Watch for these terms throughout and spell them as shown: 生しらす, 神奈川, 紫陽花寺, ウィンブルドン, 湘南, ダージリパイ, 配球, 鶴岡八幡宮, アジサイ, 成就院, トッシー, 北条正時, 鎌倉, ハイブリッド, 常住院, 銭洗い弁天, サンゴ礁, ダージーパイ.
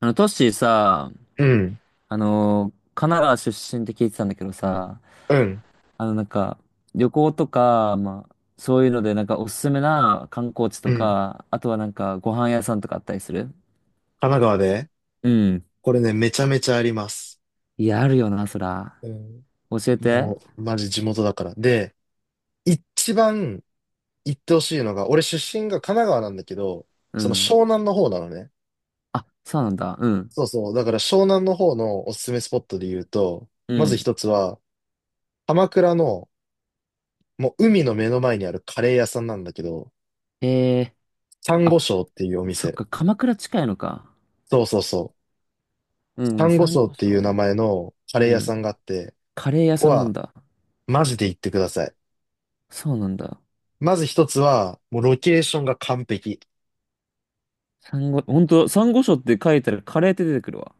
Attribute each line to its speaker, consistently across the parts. Speaker 1: トッシーさ、
Speaker 2: うん、
Speaker 1: 神奈川出身って聞いてたんだけどさ、
Speaker 2: うん、
Speaker 1: あの、なんか、旅行とか、まあ、そういうので、なんか、おすすめな観光地と
Speaker 2: うん。
Speaker 1: か、あとはなんか、ご飯屋さんとかあったりする？
Speaker 2: 神奈川で
Speaker 1: うん。
Speaker 2: これね、めちゃめちゃあります。
Speaker 1: いや、あるよな、そら。
Speaker 2: うん。
Speaker 1: 教えて。
Speaker 2: もう、マジ地元だから。で、一番行ってほしいのが、俺出身が神奈川なんだけど、
Speaker 1: う
Speaker 2: その
Speaker 1: ん。
Speaker 2: 湘南の方なのね。
Speaker 1: あ、そうなんだ。うん。
Speaker 2: そうそう。だから湘南の方のおすすめスポットで言うと、
Speaker 1: う
Speaker 2: まず
Speaker 1: ん。
Speaker 2: 一つは、鎌倉の、もう海の目の前にあるカレー屋さんなんだけど、
Speaker 1: ええ。
Speaker 2: サン
Speaker 1: あ、
Speaker 2: ゴ礁っていうお
Speaker 1: そっ
Speaker 2: 店。
Speaker 1: か、鎌倉近いのか。
Speaker 2: そうそうそう。
Speaker 1: う
Speaker 2: サ
Speaker 1: ん、
Speaker 2: ンゴ
Speaker 1: サン
Speaker 2: 礁っ
Speaker 1: ゴ
Speaker 2: て
Speaker 1: 礁
Speaker 2: いう名
Speaker 1: ね。
Speaker 2: 前のカレー
Speaker 1: う
Speaker 2: 屋
Speaker 1: ん。
Speaker 2: さんがあって、
Speaker 1: カレー屋
Speaker 2: ここ
Speaker 1: さんなん
Speaker 2: は
Speaker 1: だ。
Speaker 2: マジで行ってください。
Speaker 1: そうなんだ。
Speaker 2: まず一つは、もうロケーションが完璧。
Speaker 1: サンゴ、ほんと、サンゴ礁って書いたらカレーって出てくるわ。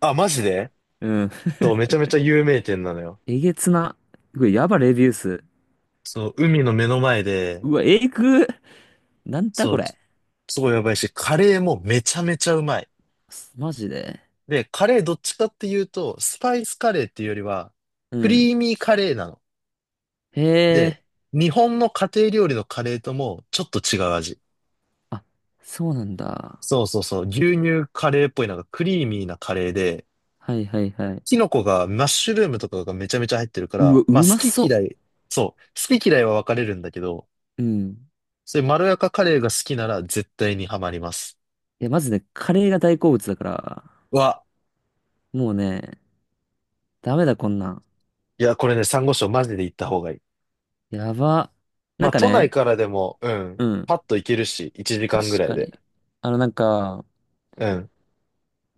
Speaker 2: あ、マジで
Speaker 1: うん。
Speaker 2: そう、めちゃめちゃ有名店なのよ。
Speaker 1: えげつな。これやばレビュー数。
Speaker 2: そう、海の目の前で、
Speaker 1: うわ、えぐ。なんだ
Speaker 2: そ
Speaker 1: こ
Speaker 2: う、
Speaker 1: れ。
Speaker 2: すごいやばいし、カレーもめちゃめちゃうまい。
Speaker 1: マジで。
Speaker 2: で、カレーどっちかっていうと、スパイスカレーっていうよりは、
Speaker 1: う
Speaker 2: クリ
Speaker 1: ん。
Speaker 2: ーミーカレーなの。
Speaker 1: へ
Speaker 2: で、
Speaker 1: え。
Speaker 2: 日本の家庭料理のカレーともちょっと違う味。
Speaker 1: あ、そうなんだ。
Speaker 2: そうそうそう、牛乳カレーっぽいなんかクリーミーなカレーで、
Speaker 1: はいはいはい。
Speaker 2: キノコが、マッシュルームとかがめちゃめちゃ入ってるか
Speaker 1: う
Speaker 2: ら、
Speaker 1: わ、う
Speaker 2: まあ
Speaker 1: ま
Speaker 2: 好き
Speaker 1: そ
Speaker 2: 嫌い、そう、好き嫌いは分かれるんだけど、
Speaker 1: う。うん。い
Speaker 2: そういうまろやかカレーが好きなら絶対にハマります。
Speaker 1: や、まずね、カレーが大好物だから、
Speaker 2: わ、
Speaker 1: もうね、ダメだこんなん。
Speaker 2: いや、これね、サンゴ礁マジで行った方がいい。
Speaker 1: やば。
Speaker 2: ま
Speaker 1: なん
Speaker 2: あ
Speaker 1: か
Speaker 2: 都内
Speaker 1: ね、
Speaker 2: からでも、うん、
Speaker 1: うん。
Speaker 2: パッと行けるし、1時
Speaker 1: 確
Speaker 2: 間ぐらい
Speaker 1: か
Speaker 2: で。
Speaker 1: に。あの、なんか、
Speaker 2: うん、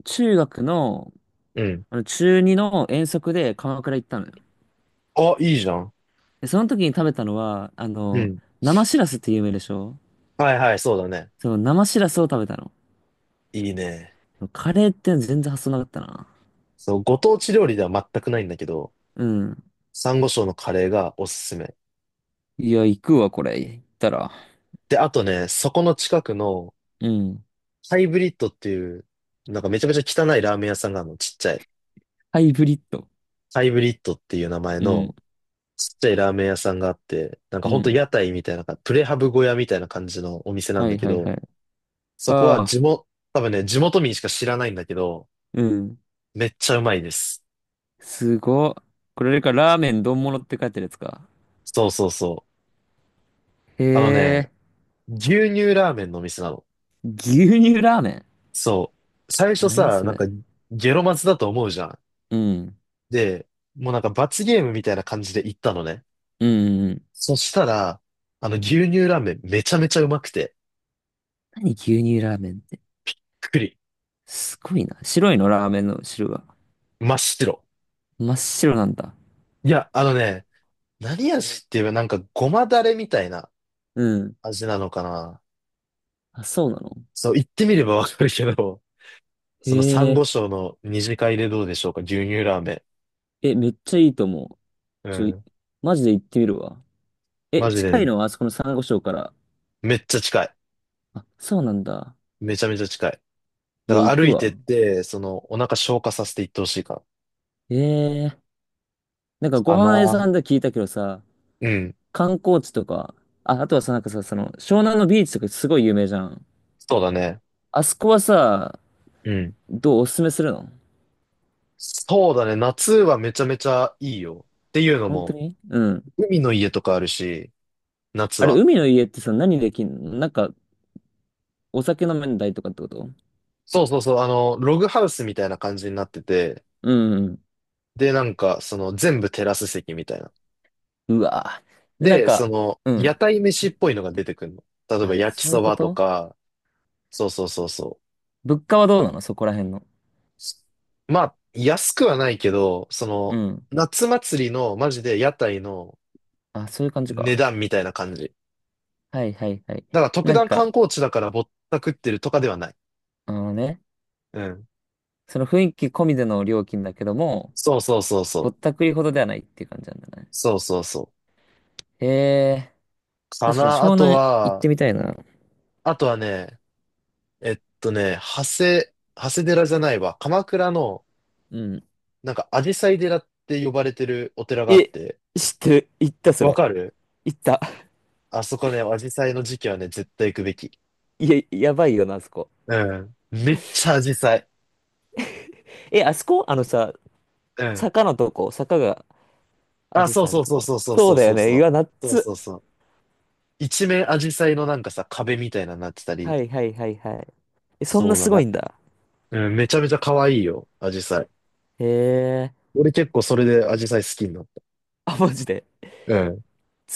Speaker 1: 中学の、
Speaker 2: うん。
Speaker 1: あの、中2の遠足で鎌倉行ったのよ。
Speaker 2: あ、いいじゃん。
Speaker 1: で、その時に食べたのは、あ
Speaker 2: う
Speaker 1: の、
Speaker 2: ん。
Speaker 1: 生しらすって有名でしょ？
Speaker 2: はいはい、そうだね。
Speaker 1: そう、生しらすを食べたの。
Speaker 2: いいね。
Speaker 1: カレーって全然発想なかったな。
Speaker 2: そう、ご当地料理では全くないんだけど、
Speaker 1: うん。
Speaker 2: サンゴ礁のカレーがおすすめ。
Speaker 1: いや、行くわ、これ。行ったら。
Speaker 2: で、あとね、そこの近くの
Speaker 1: うん。
Speaker 2: ハイブリッドっていう、なんかめちゃめちゃ汚いラーメン屋さんがあるの、ちっちゃい。
Speaker 1: ハイブリッド。
Speaker 2: ハイブリッドっていう名前
Speaker 1: う
Speaker 2: の
Speaker 1: ん。
Speaker 2: ちっちゃいラーメン屋さんがあって、なんか
Speaker 1: う
Speaker 2: ほんと
Speaker 1: ん。
Speaker 2: 屋台みたいな、プレハブ小屋みたいな感じのお店なん
Speaker 1: は
Speaker 2: だ
Speaker 1: い
Speaker 2: け
Speaker 1: はいは
Speaker 2: ど、
Speaker 1: い。
Speaker 2: そこは
Speaker 1: ああ、
Speaker 2: 地元、多分ね、地元民しか知らないんだけど、
Speaker 1: うん。
Speaker 2: めっちゃうまいです。
Speaker 1: すごっ。これか、ラーメン丼物って書いてるやつか。
Speaker 2: そうそうそう。
Speaker 1: へ
Speaker 2: あのね、
Speaker 1: え。
Speaker 2: 牛乳ラーメンのお店なの。
Speaker 1: 牛乳ラーメン。
Speaker 2: そう。最初
Speaker 1: 何
Speaker 2: さ、
Speaker 1: そ
Speaker 2: なんか
Speaker 1: れ。
Speaker 2: ゲロマズだと思うじゃん。
Speaker 1: うん。
Speaker 2: で、もうなんか罰ゲームみたいな感じで行ったのね。
Speaker 1: うんうんうん。
Speaker 2: そしたら、牛乳ラーメンめちゃめちゃうまくて、
Speaker 1: 何牛乳ラーメンって。
Speaker 2: くくり、
Speaker 1: すごいな。白いの、ラーメンの汁は。
Speaker 2: 真っ白。
Speaker 1: 真っ白なんだ。
Speaker 2: いや、あのね、何味って言えばなんかごまだれみたいな
Speaker 1: うん。
Speaker 2: 味なのかな。
Speaker 1: あ、そうなの？
Speaker 2: そう、言ってみればわかるけど、その珊
Speaker 1: へ
Speaker 2: 瑚
Speaker 1: え。
Speaker 2: 礁の二次会でどうでしょうか、牛乳ラーメ
Speaker 1: え、めっちゃいいと思う。
Speaker 2: ン。う
Speaker 1: ちょい、
Speaker 2: ん。
Speaker 1: マジで行ってみるわ。え、
Speaker 2: マジで
Speaker 1: 近い
Speaker 2: ね、
Speaker 1: のはあそこの珊瑚礁から？
Speaker 2: めっちゃ近い。
Speaker 1: あ、そうなんだ。
Speaker 2: めちゃめちゃ近い。
Speaker 1: いや、
Speaker 2: だか
Speaker 1: 行
Speaker 2: ら歩
Speaker 1: く
Speaker 2: いてっ
Speaker 1: わ。
Speaker 2: て、お腹消化させていってほしいから。
Speaker 1: ええ、なんかご
Speaker 2: か
Speaker 1: 飯屋さ
Speaker 2: な。
Speaker 1: んで聞いたけどさ、
Speaker 2: うん。
Speaker 1: 観光地とか、あ、あとはさ、なんかさ、その、湘南のビーチとかすごい有名じゃん。
Speaker 2: そうだね。
Speaker 1: あそこはさ、
Speaker 2: うん。
Speaker 1: どうおすすめするの？
Speaker 2: そうだね。夏はめちゃめちゃいいよ。っていうの
Speaker 1: 本当
Speaker 2: も、
Speaker 1: に？うん。
Speaker 2: 海の家とかあるし、夏
Speaker 1: あれ、
Speaker 2: は。
Speaker 1: 海の家ってさ、何できんの、なんか、お酒飲めんだりとかってこと？
Speaker 2: そうそうそう、ログハウスみたいな感じになってて、
Speaker 1: うんうん。
Speaker 2: で、なんか、全部テラス席みたいな。
Speaker 1: うわぁ。で、なん
Speaker 2: で、
Speaker 1: か、う
Speaker 2: 屋
Speaker 1: ん。
Speaker 2: 台飯っぽいのが出てくるの。例えば、
Speaker 1: あ、
Speaker 2: 焼き
Speaker 1: そうい
Speaker 2: そ
Speaker 1: うこ
Speaker 2: ばと
Speaker 1: と？
Speaker 2: か、そうそうそうそ
Speaker 1: 物価はどうなのそこら辺の。
Speaker 2: う。まあ、安くはないけど、
Speaker 1: うん。
Speaker 2: 夏祭りの、マジで屋台の
Speaker 1: あ、そういう感じ
Speaker 2: 値
Speaker 1: か。
Speaker 2: 段みたいな感じ。
Speaker 1: はいはいはい。
Speaker 2: だから、特
Speaker 1: なん
Speaker 2: 段観
Speaker 1: か、
Speaker 2: 光地だからぼったくってるとかではない。
Speaker 1: あのね、
Speaker 2: うん。
Speaker 1: その雰囲気込みでの料金だけども、
Speaker 2: そうそうそう
Speaker 1: ぼっ
Speaker 2: そう。
Speaker 1: たくりほどではないっていう感じなんだね。
Speaker 2: そうそうそう。
Speaker 1: へえ、
Speaker 2: か
Speaker 1: 確かに
Speaker 2: な。
Speaker 1: 湘南行ってみたいな。
Speaker 2: あとはね、えっとね、長谷、長谷寺じゃないわ。鎌倉の、
Speaker 1: うん。
Speaker 2: なんか、紫陽花寺って呼ばれてるお寺があっ
Speaker 1: え、
Speaker 2: て、
Speaker 1: 知ってる？行った、そ
Speaker 2: わ
Speaker 1: れ。
Speaker 2: かる？
Speaker 1: 行った。
Speaker 2: あそこね、紫陽花の時期はね、絶対行くべき。
Speaker 1: いや、やばいよな、あそこ。
Speaker 2: うん。めっちゃ紫陽
Speaker 1: え、あそこあのさ、
Speaker 2: 花。うん。
Speaker 1: 坂のとこ、坂が、ア
Speaker 2: あ、
Speaker 1: ジ
Speaker 2: そ
Speaker 1: サ
Speaker 2: う
Speaker 1: イの
Speaker 2: そう
Speaker 1: と
Speaker 2: そう
Speaker 1: こ。
Speaker 2: そうそう
Speaker 1: そ
Speaker 2: そ
Speaker 1: う
Speaker 2: う
Speaker 1: だ
Speaker 2: そ
Speaker 1: よ
Speaker 2: う
Speaker 1: ね。
Speaker 2: そ
Speaker 1: う
Speaker 2: う。
Speaker 1: わ、
Speaker 2: そう
Speaker 1: 夏。
Speaker 2: そうそう。一面紫陽花のなんかさ、壁みたいなのになってた
Speaker 1: は
Speaker 2: り。
Speaker 1: いはいはいはい。え、そん
Speaker 2: そ
Speaker 1: な
Speaker 2: うだ
Speaker 1: すご
Speaker 2: な。
Speaker 1: いんだ。
Speaker 2: うん、めちゃめちゃ可愛いよ、紫陽花。
Speaker 1: へえ。
Speaker 2: 俺結構それで紫陽花好きになっ
Speaker 1: あ、マジで。
Speaker 2: た。うん。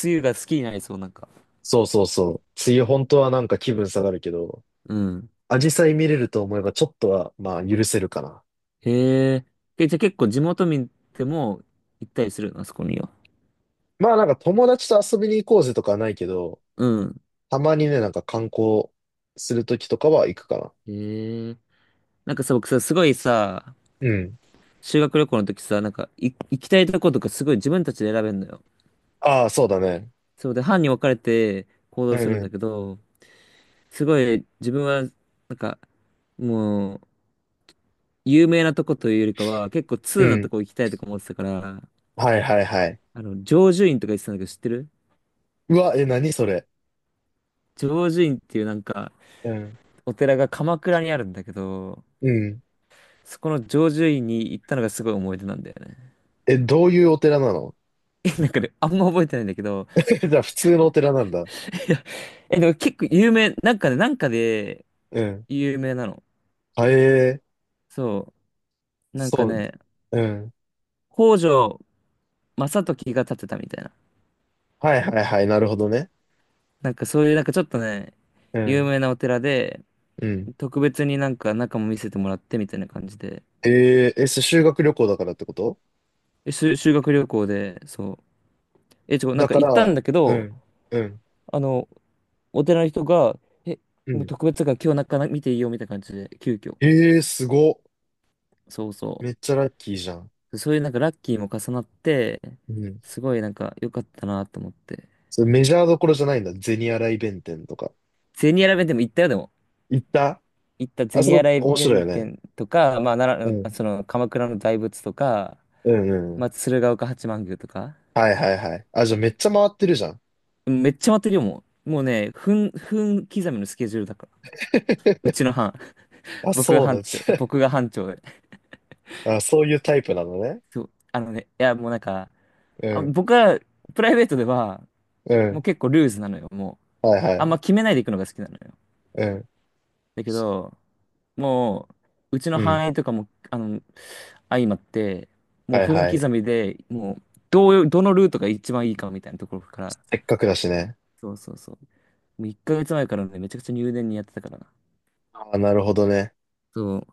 Speaker 1: 梅雨が好きになりそう、なんか。
Speaker 2: そうそうそう。梅雨本当はなんか気分下がるけど、
Speaker 1: うん。
Speaker 2: 紫陽花見れると思えばちょっとは、まあ許せるかな。
Speaker 1: へえ。え、じゃあ結構地元民でも行ったりするの、あそこには？
Speaker 2: まあなんか友達と遊びに行こうぜとかはないけど、
Speaker 1: うん。
Speaker 2: たまにね、なんか観光するときとかは行くかな。
Speaker 1: へえ。なんかさ、僕さ、すごいさ、
Speaker 2: うん。
Speaker 1: 修学旅行の時さ、なんか、行きたいとことかすごい自分たちで選べんのよ。
Speaker 2: ああ、そうだね。
Speaker 1: そうで、班に分かれて行
Speaker 2: う
Speaker 1: 動するん
Speaker 2: ん、
Speaker 1: だけど、すごい自分は、なんか、もう、有名なとこというよりかは、結構
Speaker 2: う
Speaker 1: 通なと
Speaker 2: ん。
Speaker 1: こ行きたいとか思ってたから、
Speaker 2: はいはいはい。
Speaker 1: あの、成就院とか言ってたんだけど、知ってる？
Speaker 2: うわ、え、何それ。
Speaker 1: 成就院っていうなんか、
Speaker 2: うん、
Speaker 1: お寺が鎌倉にあるんだけど、
Speaker 2: うん。
Speaker 1: そこの常住院に行ったのがすごい思い出なんだよね。
Speaker 2: え、どういうお寺なの？
Speaker 1: え、なんかね、あんま覚えてないんだけど、
Speaker 2: じゃあ 普通のお寺なんだ。
Speaker 1: いや、え、でも結構有名、なんかね、なんかで
Speaker 2: うん。
Speaker 1: 有名なの。
Speaker 2: あ、え、え、
Speaker 1: そう。なんか
Speaker 2: そう。
Speaker 1: ね、
Speaker 2: うん。
Speaker 1: 北条正時が建てたみたいな。
Speaker 2: はいはいはい、なるほどね。
Speaker 1: なんかそういう、なんかちょっとね、
Speaker 2: う
Speaker 1: 有
Speaker 2: ん、
Speaker 1: 名なお寺で、
Speaker 2: うん。
Speaker 1: 特別になんか中も見せてもらってみたいな感じで、
Speaker 2: ええ、修学旅行だからってこと？
Speaker 1: え、修学旅行で、そう。え、ちょ、なん
Speaker 2: だ
Speaker 1: か
Speaker 2: か
Speaker 1: 行った
Speaker 2: ら、
Speaker 1: んだけ
Speaker 2: う
Speaker 1: ど、
Speaker 2: ん、うん、
Speaker 1: あの、お寺の人が、え、
Speaker 2: う
Speaker 1: もう
Speaker 2: ん。
Speaker 1: 特別だから今日中見ていいよみたいな感じで、急遽。
Speaker 2: ええーすごっ。
Speaker 1: そうそ
Speaker 2: めっ
Speaker 1: う。
Speaker 2: ちゃラッキーじゃん。
Speaker 1: そういうなんかラッキーも重なって、
Speaker 2: うん。
Speaker 1: すごいなんか良かったなと思って。
Speaker 2: それメジャーどころじゃないんだ。銭洗い弁天とか。
Speaker 1: ゼニアラ弁店も行ったよ、でも。
Speaker 2: 行った？
Speaker 1: 行った、
Speaker 2: あ
Speaker 1: ゼニ
Speaker 2: そ
Speaker 1: ア
Speaker 2: こ
Speaker 1: ラ
Speaker 2: 面白い
Speaker 1: 弁
Speaker 2: よね。
Speaker 1: 店とか、まあ、
Speaker 2: う
Speaker 1: 奈
Speaker 2: ん。
Speaker 1: 良、その鎌倉の大仏とか、
Speaker 2: うんうんう
Speaker 1: ま
Speaker 2: ん。
Speaker 1: あ、鶴岡八幡宮とか。
Speaker 2: はいはいはい。あ、じゃあめっちゃ回ってるじゃん。
Speaker 1: めっちゃ待ってるよ、もう。もうね、分刻みのスケジュールだから。うち の班。
Speaker 2: あ、
Speaker 1: 僕が
Speaker 2: そうな
Speaker 1: 班
Speaker 2: んで
Speaker 1: 長。
Speaker 2: す。
Speaker 1: 僕が班長で。
Speaker 2: あ、そういうタイプなのね。
Speaker 1: そう。あのね、いや、もうなんか、
Speaker 2: う
Speaker 1: あ、
Speaker 2: ん。
Speaker 1: 僕は、プライベートでは、
Speaker 2: う
Speaker 1: もう
Speaker 2: ん。
Speaker 1: 結構ルーズなのよ、もう。
Speaker 2: はいは
Speaker 1: あん
Speaker 2: い。
Speaker 1: ま決めないで行くのが好きなのよ。
Speaker 2: うん。
Speaker 1: だけど、もう、うちの
Speaker 2: うん。
Speaker 1: 範囲とかも、あの、相まって、もう
Speaker 2: はい
Speaker 1: 分
Speaker 2: はい。
Speaker 1: 刻みで、もう、どのルートが一番いいかみたいなところから、
Speaker 2: せっかくだしね。
Speaker 1: そうそうそう。もう1ヶ月前からね、めちゃくちゃ入念にやってたからな。
Speaker 2: あ、なるほどね。
Speaker 1: そう。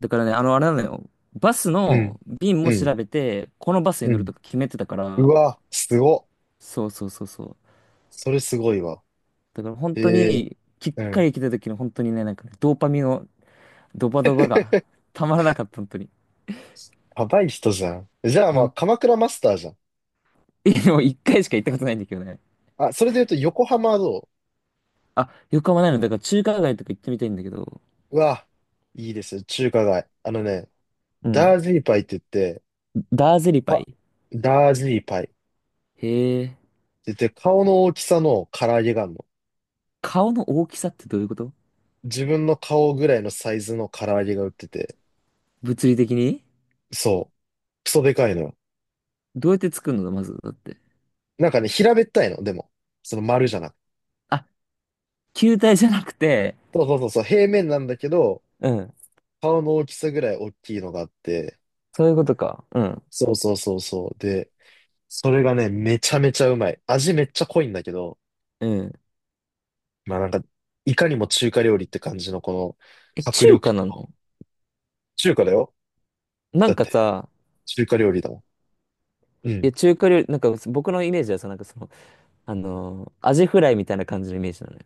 Speaker 1: だからね、あの、あれなのよ。バス
Speaker 2: うん。
Speaker 1: の便
Speaker 2: う
Speaker 1: も
Speaker 2: ん。
Speaker 1: 調べて、このバスに
Speaker 2: う
Speaker 1: 乗る
Speaker 2: ん。
Speaker 1: とか決めてたか
Speaker 2: う
Speaker 1: ら、
Speaker 2: わ、すごっ。
Speaker 1: そうそうそうそう。
Speaker 2: それすごいわ。
Speaker 1: だから本
Speaker 2: え、
Speaker 1: 当
Speaker 2: え、
Speaker 1: に、きっ
Speaker 2: う
Speaker 1: か
Speaker 2: ん。
Speaker 1: り来た時の本当にね、なんかねドーパミンのドバドバが たまらなかった、本当に。
Speaker 2: やばい人じゃん。じゃあ
Speaker 1: ほ
Speaker 2: まあ、
Speaker 1: ん、も
Speaker 2: 鎌倉マスターじゃん。
Speaker 1: う1回しか行ったことないんだけどね。
Speaker 2: あ、それで言うと横浜はど
Speaker 1: あ、横浜ないの。だから中華街とか行ってみたいんだけど。
Speaker 2: う？うわ、いいですよ、中華街。あのね、
Speaker 1: う
Speaker 2: ダ
Speaker 1: ん。
Speaker 2: ージーパイって言って、
Speaker 1: ダーゼリパ
Speaker 2: あ、
Speaker 1: イ。
Speaker 2: ダージーパイって
Speaker 1: へえ。
Speaker 2: 言って、顔の大きさの唐揚げがあるの。
Speaker 1: 顔の大きさってどういうこと？
Speaker 2: 自分の顔ぐらいのサイズの唐揚げが売ってて、
Speaker 1: 物理的に？
Speaker 2: そう、クソでかいのよ。
Speaker 1: どうやって作るのまず、だって。
Speaker 2: なんかね、平べったいの、でも。その丸じゃなくて。
Speaker 1: あ、球体じゃなくて、
Speaker 2: そうそうそうそう、平面なんだけど、
Speaker 1: うん。
Speaker 2: 顔の大きさぐらい大きいのがあって、
Speaker 1: そういうことか。うん。
Speaker 2: そうそうそうそう。で、それがね、めちゃめちゃうまい。味めっちゃ濃いんだけど、
Speaker 1: うん。
Speaker 2: まあなんか、いかにも中華料理って感じのこ
Speaker 1: え、
Speaker 2: の迫
Speaker 1: 中華
Speaker 2: 力
Speaker 1: な
Speaker 2: と、
Speaker 1: の？
Speaker 2: 中華だよ。
Speaker 1: な
Speaker 2: だ
Speaker 1: ん
Speaker 2: っ
Speaker 1: か
Speaker 2: て、
Speaker 1: さ、
Speaker 2: 中華料理だもん。う
Speaker 1: い
Speaker 2: ん。
Speaker 1: や、中華料理、なんか僕のイメージはさ、なんかその、あのーアジフライみたいな感じのイメージなのよ。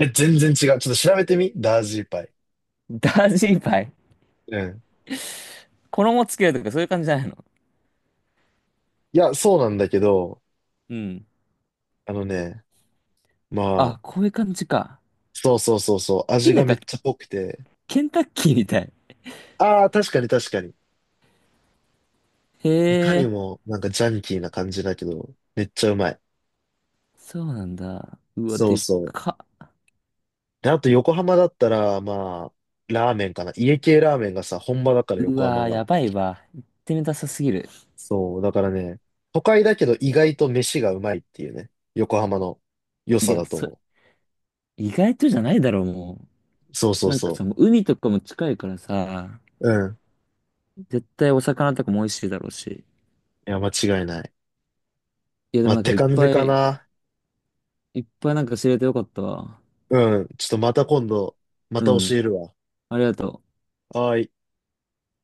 Speaker 2: え、全然違う。ちょっと調べてみダージーパイ。
Speaker 1: ダージリパイ。
Speaker 2: うん。
Speaker 1: 衣つけるとかそういう感じじゃないの？
Speaker 2: いや、そうなんだけど、
Speaker 1: うん。
Speaker 2: あのね、ま
Speaker 1: あ、
Speaker 2: あ、
Speaker 1: こういう感じか。
Speaker 2: そうそうそうそう、
Speaker 1: え、
Speaker 2: 味
Speaker 1: な
Speaker 2: が
Speaker 1: ん
Speaker 2: め
Speaker 1: か、
Speaker 2: っちゃ濃くて、
Speaker 1: ケンタッキーみたい。
Speaker 2: ああ、確かに確かに。
Speaker 1: へ
Speaker 2: いかに
Speaker 1: え、
Speaker 2: もなんかジャンキーな感じだけど、めっちゃうまい。
Speaker 1: そうなんだ。うわ、
Speaker 2: そう
Speaker 1: でっ
Speaker 2: そう。
Speaker 1: か。
Speaker 2: で、あと横浜だったら、まあ、ラーメンかな。家系ラーメンがさ、本場だから
Speaker 1: う
Speaker 2: 横浜
Speaker 1: わ、
Speaker 2: が。
Speaker 1: やばいわ。行ってみたさすぎる。
Speaker 2: そう、だからね、都会だけど意外と飯がうまいっていうね、横浜の良
Speaker 1: い
Speaker 2: さ
Speaker 1: や、
Speaker 2: だと
Speaker 1: そ、
Speaker 2: 思
Speaker 1: 意外とじゃないだろう、も
Speaker 2: う。そうそ
Speaker 1: う。
Speaker 2: う
Speaker 1: なんかさ、
Speaker 2: そ
Speaker 1: もう海とかも近いからさ、
Speaker 2: う。うん。
Speaker 1: 絶対お魚とかも美味しいだろうし。
Speaker 2: いや、間違いない。
Speaker 1: いや、で
Speaker 2: まあ、
Speaker 1: も
Speaker 2: っ
Speaker 1: なんか
Speaker 2: て
Speaker 1: いっ
Speaker 2: 感じ
Speaker 1: ぱ
Speaker 2: か
Speaker 1: い、
Speaker 2: な。
Speaker 1: いっぱいなんか知れてよかったわ。
Speaker 2: うん。ちょっとまた今度、また
Speaker 1: う
Speaker 2: 教
Speaker 1: ん。
Speaker 2: えるわ。
Speaker 1: ありがとう。
Speaker 2: はーい。